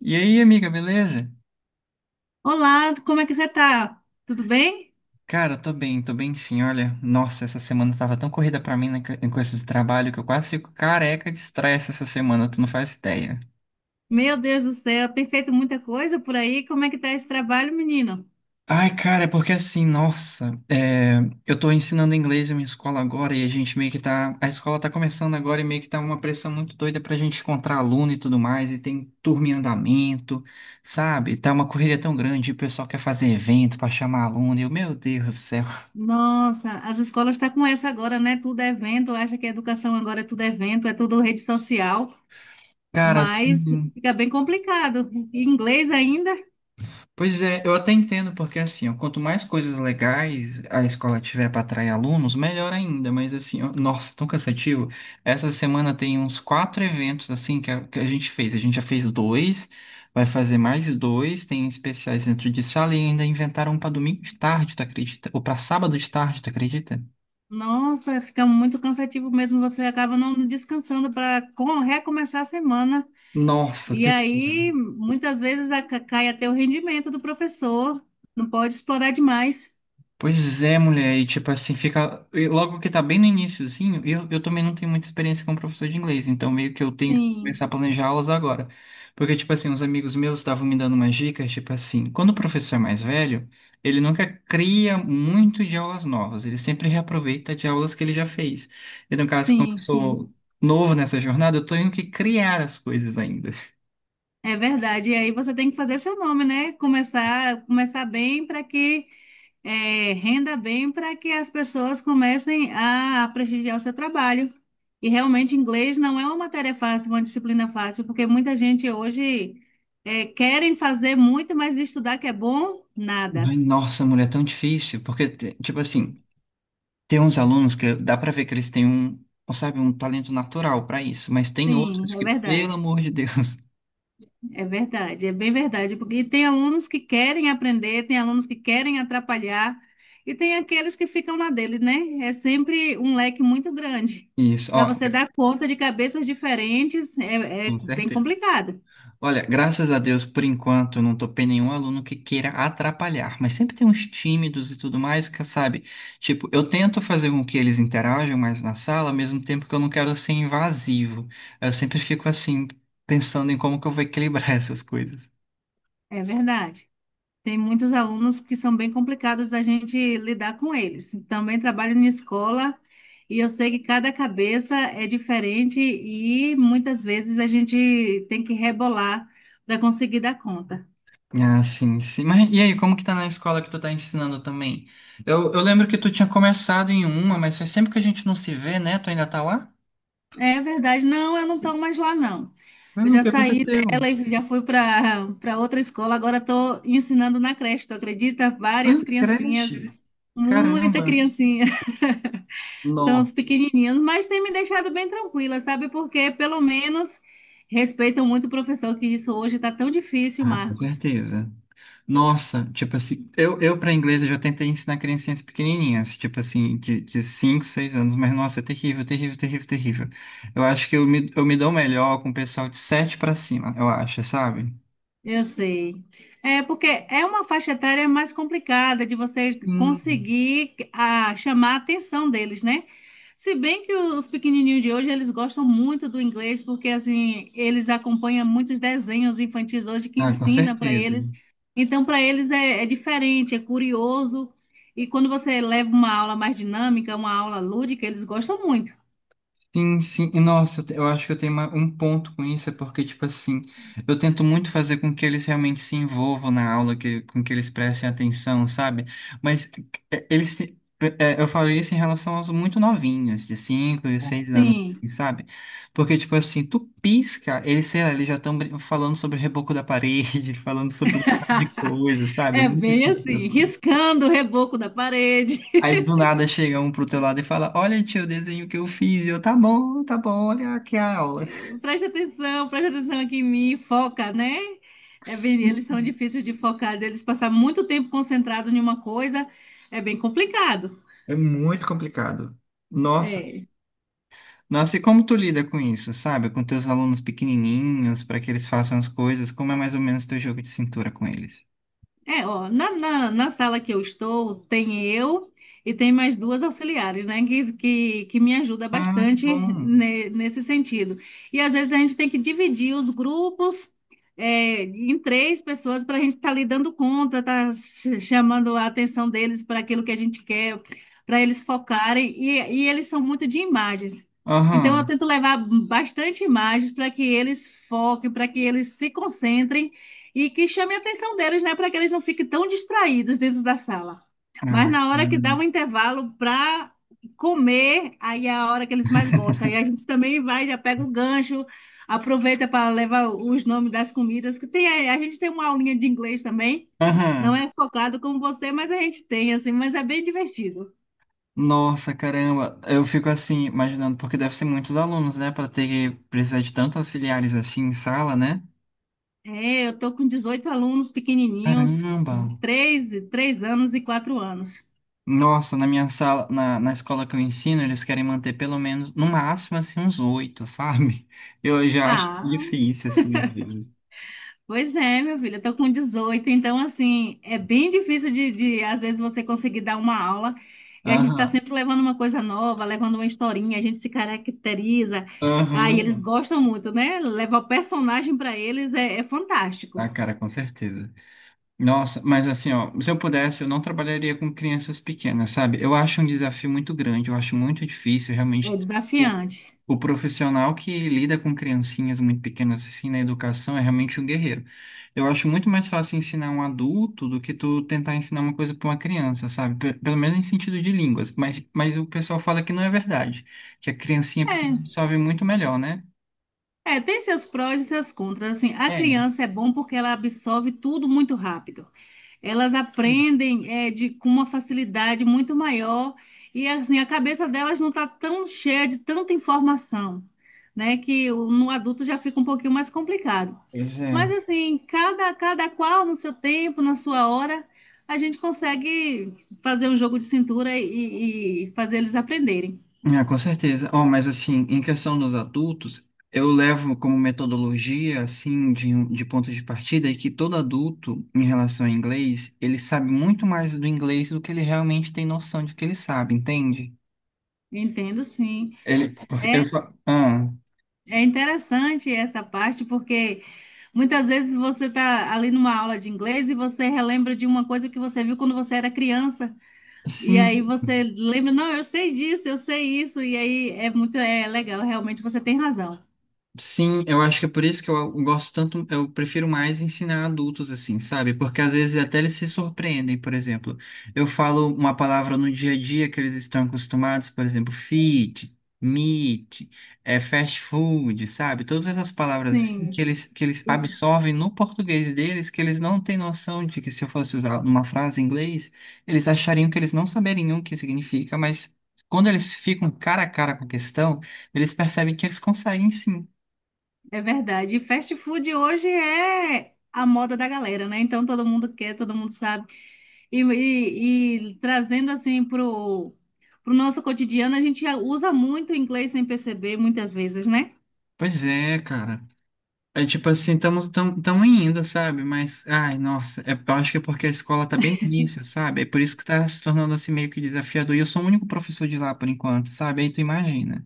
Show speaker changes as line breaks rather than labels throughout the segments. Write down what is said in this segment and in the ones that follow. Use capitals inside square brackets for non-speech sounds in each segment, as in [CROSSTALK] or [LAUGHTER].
E aí, amiga, beleza?
Olá, como é que você tá? Tudo bem?
Cara, tô bem sim. Olha, nossa, essa semana tava tão corrida pra mim em coisa de trabalho que eu quase fico careca de estresse essa semana, tu não faz ideia.
Meu Deus do céu, tem feito muita coisa por aí. Como é que tá esse trabalho, menino?
Ai, cara, é porque assim, nossa, é, eu tô ensinando inglês na minha escola agora e a gente meio que tá. A escola tá começando agora e meio que tá uma pressão muito doida pra gente encontrar aluno e tudo mais, e tem turma em andamento, sabe? Tá uma correria tão grande, o pessoal quer fazer evento pra chamar aluno, e eu, meu Deus do céu.
Nossa, as escolas estão com essa agora, né? Tudo é evento, acha que a educação agora é tudo evento, é tudo rede social,
Cara,
mas
assim.
fica bem complicado. E Inglês ainda?
Pois é, eu até entendo, porque assim, ó, quanto mais coisas legais a escola tiver para atrair alunos, melhor ainda, mas assim, ó, nossa, tão cansativo. Essa semana tem uns quatro eventos, assim, que a gente fez. A gente já fez dois, vai fazer mais dois, tem especiais dentro de sala e ainda inventaram um para domingo de tarde, tu acredita? Ou para sábado de tarde, tu acredita?
Nossa, fica muito cansativo mesmo, você acaba não descansando para recomeçar a semana.
Nossa,
E aí,
terrível.
muitas vezes, cai até o rendimento do professor, não pode explorar demais.
Pois é, mulher, e tipo assim, fica. E logo que tá bem no início, assim, eu também não tenho muita experiência como professor de inglês, então meio que eu tenho que
Sim.
começar a planejar aulas agora. Porque, tipo assim, os amigos meus estavam me dando umas dicas, tipo assim, quando o professor é mais velho, ele nunca cria muito de aulas novas, ele sempre reaproveita de aulas que ele já fez. E no caso, como eu
Sim, sim,
sou novo nessa jornada, eu tenho que criar as coisas ainda.
é verdade. E aí você tem que fazer seu nome, né? Começar, começar bem para que renda bem, para que as pessoas comecem a prestigiar o seu trabalho. E realmente inglês não é uma matéria fácil, uma disciplina fácil, porque muita gente hoje querem fazer muito, mas estudar que é bom, nada.
Ai, nossa, mulher, é tão difícil, porque, tipo assim. Tem uns alunos que dá pra ver que eles têm um, sabe, um talento natural pra isso, mas tem
Sim,
outros
é
que, pelo
verdade.
amor de Deus,
É verdade, é bem verdade, porque tem alunos que querem aprender, tem alunos que querem atrapalhar, e tem aqueles que ficam na dele, né? É sempre um leque muito grande.
[LAUGHS] isso,
Para
ó,
você dar conta de cabeças diferentes, é,
com
é bem
certeza.
complicado.
Olha, graças a Deus, por enquanto, eu não topei nenhum aluno que queira atrapalhar, mas sempre tem uns tímidos e tudo mais que, sabe, tipo, eu tento fazer com que eles interajam mais na sala, ao mesmo tempo que eu não quero ser invasivo. Eu sempre fico assim, pensando em como que eu vou equilibrar [LAUGHS] essas coisas.
É verdade. Tem muitos alunos que são bem complicados da gente lidar com eles. Também trabalho em escola e eu sei que cada cabeça é diferente e muitas vezes a gente tem que rebolar para conseguir dar conta.
Ah, sim, sim. Mas e aí, como que tá na escola que tu tá ensinando também? Eu lembro que tu tinha começado em uma, mas faz tempo que a gente não se vê, né? Tu ainda tá lá?
É verdade. Não, eu não estou mais lá, não.
Ah,
Eu
o
já
que
saí
aconteceu?
dela e já fui para outra escola. Agora estou ensinando na creche, tu acredita?
Ah,
Várias
que
criancinhas,
creche.
muita
Caramba.
criancinha. [LAUGHS] Estão os
Nossa,
pequenininhos, mas tem me deixado bem tranquila, sabe? Porque pelo menos respeitam muito o professor, que isso hoje está tão difícil,
com
Marcos.
certeza. Nossa, tipo assim, eu para inglês eu já tentei ensinar criancinhas pequenininhas, tipo assim, de 5 6 anos, mas nossa, é terrível, terrível, terrível, terrível. Eu acho que eu me dou melhor com o pessoal de 7 para cima, eu acho, sabe?
Eu sei. É porque é uma faixa etária mais complicada de você
Hum.
conseguir chamar a atenção deles, né? Se bem que os pequenininhos de hoje, eles gostam muito do inglês, porque assim, eles acompanham muitos desenhos infantis hoje que
Ah, com
ensina para
certeza.
eles. Então, para eles é, é diferente, é curioso. E quando você leva uma aula mais dinâmica, uma aula lúdica, eles gostam muito.
Sim, sim. E nossa, eu acho que eu tenho um ponto com isso, é porque, tipo assim, eu tento muito fazer com que eles realmente se envolvam na aula, que, com que eles prestem atenção, sabe? Mas é, eles, se- é, eu falo isso em relação aos muito novinhos, de 5 e 6 anos, assim,
Sim,
sabe? Porque, tipo assim, tu pisca, eles, sei lá, eles já estão falando sobre o reboco da parede, [LAUGHS] falando sobre um monte de coisa, sabe? É
é
muito essa
bem assim,
sensação.
riscando o reboco da parede. [LAUGHS]
Aí do nada chega um pro teu lado e fala: Olha, tio, o desenho que eu fiz. E eu, tá bom, olha aqui a aula.
Presta atenção aqui em mim, foca, né? É bem, eles são difíceis de focar, deles passar muito tempo concentrado em uma coisa, é bem complicado.
É muito complicado. Nossa,
É.
nossa, e como tu lida com isso, sabe? Com teus alunos pequenininhos, para que eles façam as coisas, como é mais ou menos teu jogo de cintura com eles?
É, ó, na sala que eu estou, tem eu e tem mais duas auxiliares, né, que me ajuda
Ah, que
bastante
bom.
nesse sentido. E às vezes a gente tem que dividir os grupos em três pessoas para a gente estar tá ali dando conta, tá chamando a atenção deles para aquilo que a gente quer, para eles focarem. E, eles são muito de imagens. Então eu
Aham.
tento levar bastante imagens para que eles foquem, para que eles se concentrem e que chame a atenção deles, né, para que eles não fiquem tão distraídos dentro da sala. Mas
Ah,
na hora que dá
caramba.
um intervalo para comer, aí é a hora que eles mais gostam. Aí
[LAUGHS]
a gente também vai, já pega o gancho, aproveita para levar os nomes das comidas, que tem, a gente tem uma aulinha de inglês também. Não
Aham.
é focado como você, mas a gente tem, assim, mas é bem divertido.
Nossa, caramba. Eu fico assim, imaginando, porque deve ser muitos alunos, né? Para ter que precisar de tantos auxiliares assim em sala, né?
É, eu tô com 18 alunos pequenininhos,
Caramba.
de 3 3 anos e 4 anos.
Nossa, na minha sala, na escola que eu ensino, eles querem manter pelo menos, no máximo, assim, uns oito, [LAUGHS] sabe? Eu já acho
Ah,
difícil, assim, às vezes.
pois é, meu filho, eu tô com 18, então assim, é bem difícil às vezes você conseguir dar uma aula e a gente está
Aham,
sempre levando uma coisa nova, levando uma historinha, a gente se caracteriza, aí eles
aham.
gostam muito, né? Levar o personagem para eles é, é
Ah,
fantástico,
cara, com certeza. Nossa, mas assim, ó, se eu pudesse, eu não trabalharia com crianças pequenas, sabe? Eu acho um desafio muito grande, eu acho muito difícil,
é
realmente, o,
desafiante.
o profissional que lida com criancinhas muito pequenas, assim, na educação, é realmente um guerreiro. Eu acho muito mais fácil ensinar um adulto do que tu tentar ensinar uma coisa para uma criança, sabe? Pelo menos em sentido de línguas, mas o pessoal fala que não é verdade, que a criancinha
É,
pequena sabe muito melhor, né?
é, tem seus prós e seus contras, assim, a
É.
criança é bom porque ela absorve tudo muito rápido. Elas aprendem com uma facilidade muito maior e assim a cabeça delas não está tão cheia de tanta informação, né? No adulto já fica um pouquinho mais complicado.
Pois
Mas
é.
assim, cada qual no seu tempo, na sua hora, a gente consegue fazer um jogo de cintura e, fazer eles aprenderem.
Ah, com certeza. Oh, mas assim, em questão dos adultos, eu levo como metodologia, assim, de, de ponto de partida, é que todo adulto, em relação ao inglês, ele sabe muito mais do inglês do que ele realmente tem noção de que ele sabe, entende?
Entendo, sim.
Ele, porque eu,
É interessante essa parte porque muitas vezes você está ali numa aula de inglês e você relembra de uma coisa que você viu quando você era criança. E aí
sim,
você lembra, não, eu sei disso, eu sei isso. E aí é muito, é legal, realmente você tem razão.
sim, eu acho que é por isso que eu gosto tanto, eu prefiro mais ensinar adultos assim, sabe? Porque às vezes até eles se surpreendem, por exemplo. Eu falo uma palavra no dia a dia que eles estão acostumados, por exemplo, fit, meat, é fast food, sabe? Todas essas palavras assim que
Sim,
eles que eles
e-
absorvem no português deles, que eles não têm noção de que se eu fosse usar numa frase em inglês, eles achariam que eles não saberiam o que significa, mas quando eles ficam cara a cara com a questão, eles percebem que eles conseguem sim.
é verdade. E fast food hoje é a moda da galera, né? Então todo mundo quer, todo mundo sabe. E trazendo assim pro nosso cotidiano, a gente usa muito o inglês sem perceber muitas vezes, né?
Pois é, cara. É tipo assim, estamos tão, tão indo, sabe? Mas, ai, nossa, é, eu acho que é porque a escola tá bem no início, sabe? É por isso que tá se tornando assim meio que desafiador. E eu sou o único professor de lá por enquanto, sabe? Aí tu imagina.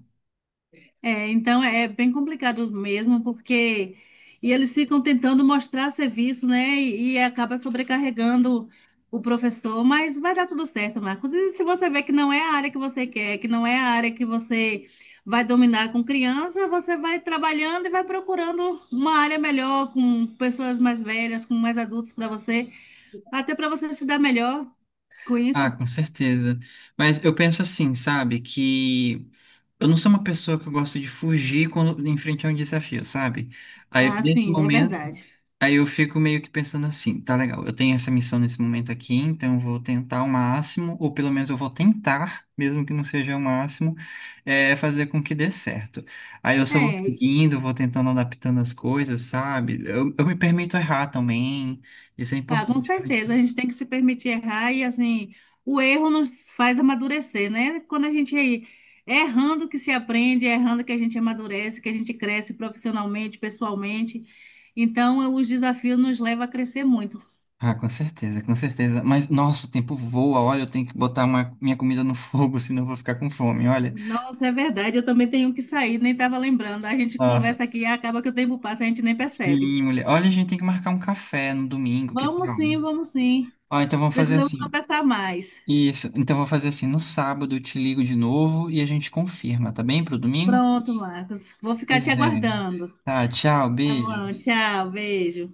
É, então é bem complicado mesmo, porque e eles ficam tentando mostrar serviço, né? E, acaba sobrecarregando o professor, mas vai dar tudo certo, Marcos. E se você vê que não é a área que você quer, que não é a área que você vai dominar com criança, você vai trabalhando e vai procurando uma área melhor, com pessoas mais velhas, com mais adultos para você, até para você se dar melhor com
Ah,
isso.
com certeza. Mas eu penso assim, sabe? Que eu não sou uma pessoa que eu gosto de fugir quando em frente a um desafio, sabe? Aí,
Ah,
nesse
sim, é
momento.
verdade.
Aí eu fico meio que pensando assim, tá legal, eu tenho essa missão nesse momento aqui, então eu vou tentar ao máximo, ou pelo menos eu vou tentar, mesmo que não seja o máximo, é, fazer com que dê certo. Aí eu só vou
É,
seguindo, vou tentando adaptando as coisas, sabe? Eu me permito errar também, isso é
ah, com
importante pra
certeza, a
gente.
gente tem que se permitir errar e assim, o erro nos faz amadurecer, né? Quando a gente é errando que se aprende, é errando que a gente amadurece, que a gente cresce profissionalmente, pessoalmente. Então, os desafios nos levam a crescer muito.
Ah, com certeza, com certeza. Mas, nossa, o tempo voa, olha, eu tenho que botar minha comida no fogo, [LAUGHS] senão eu vou ficar com fome, olha.
Nossa, é verdade, eu também tenho que sair, nem estava lembrando. A gente
Nossa,
conversa aqui e acaba que o tempo passa, a gente nem percebe.
sim, mulher. Olha, a gente tem que marcar um café no domingo, que
Vamos
tal?
sim, vamos sim.
Ó, então vamos fazer
Precisamos
assim.
conversar mais.
Isso. Então vou fazer assim. No sábado eu te ligo de novo e a gente confirma, tá bem? Pro domingo?
Pronto, Marcos. Vou ficar
Pois
te
é.
aguardando.
Tá, tchau,
Tá
beijo.
bom, tchau, beijo.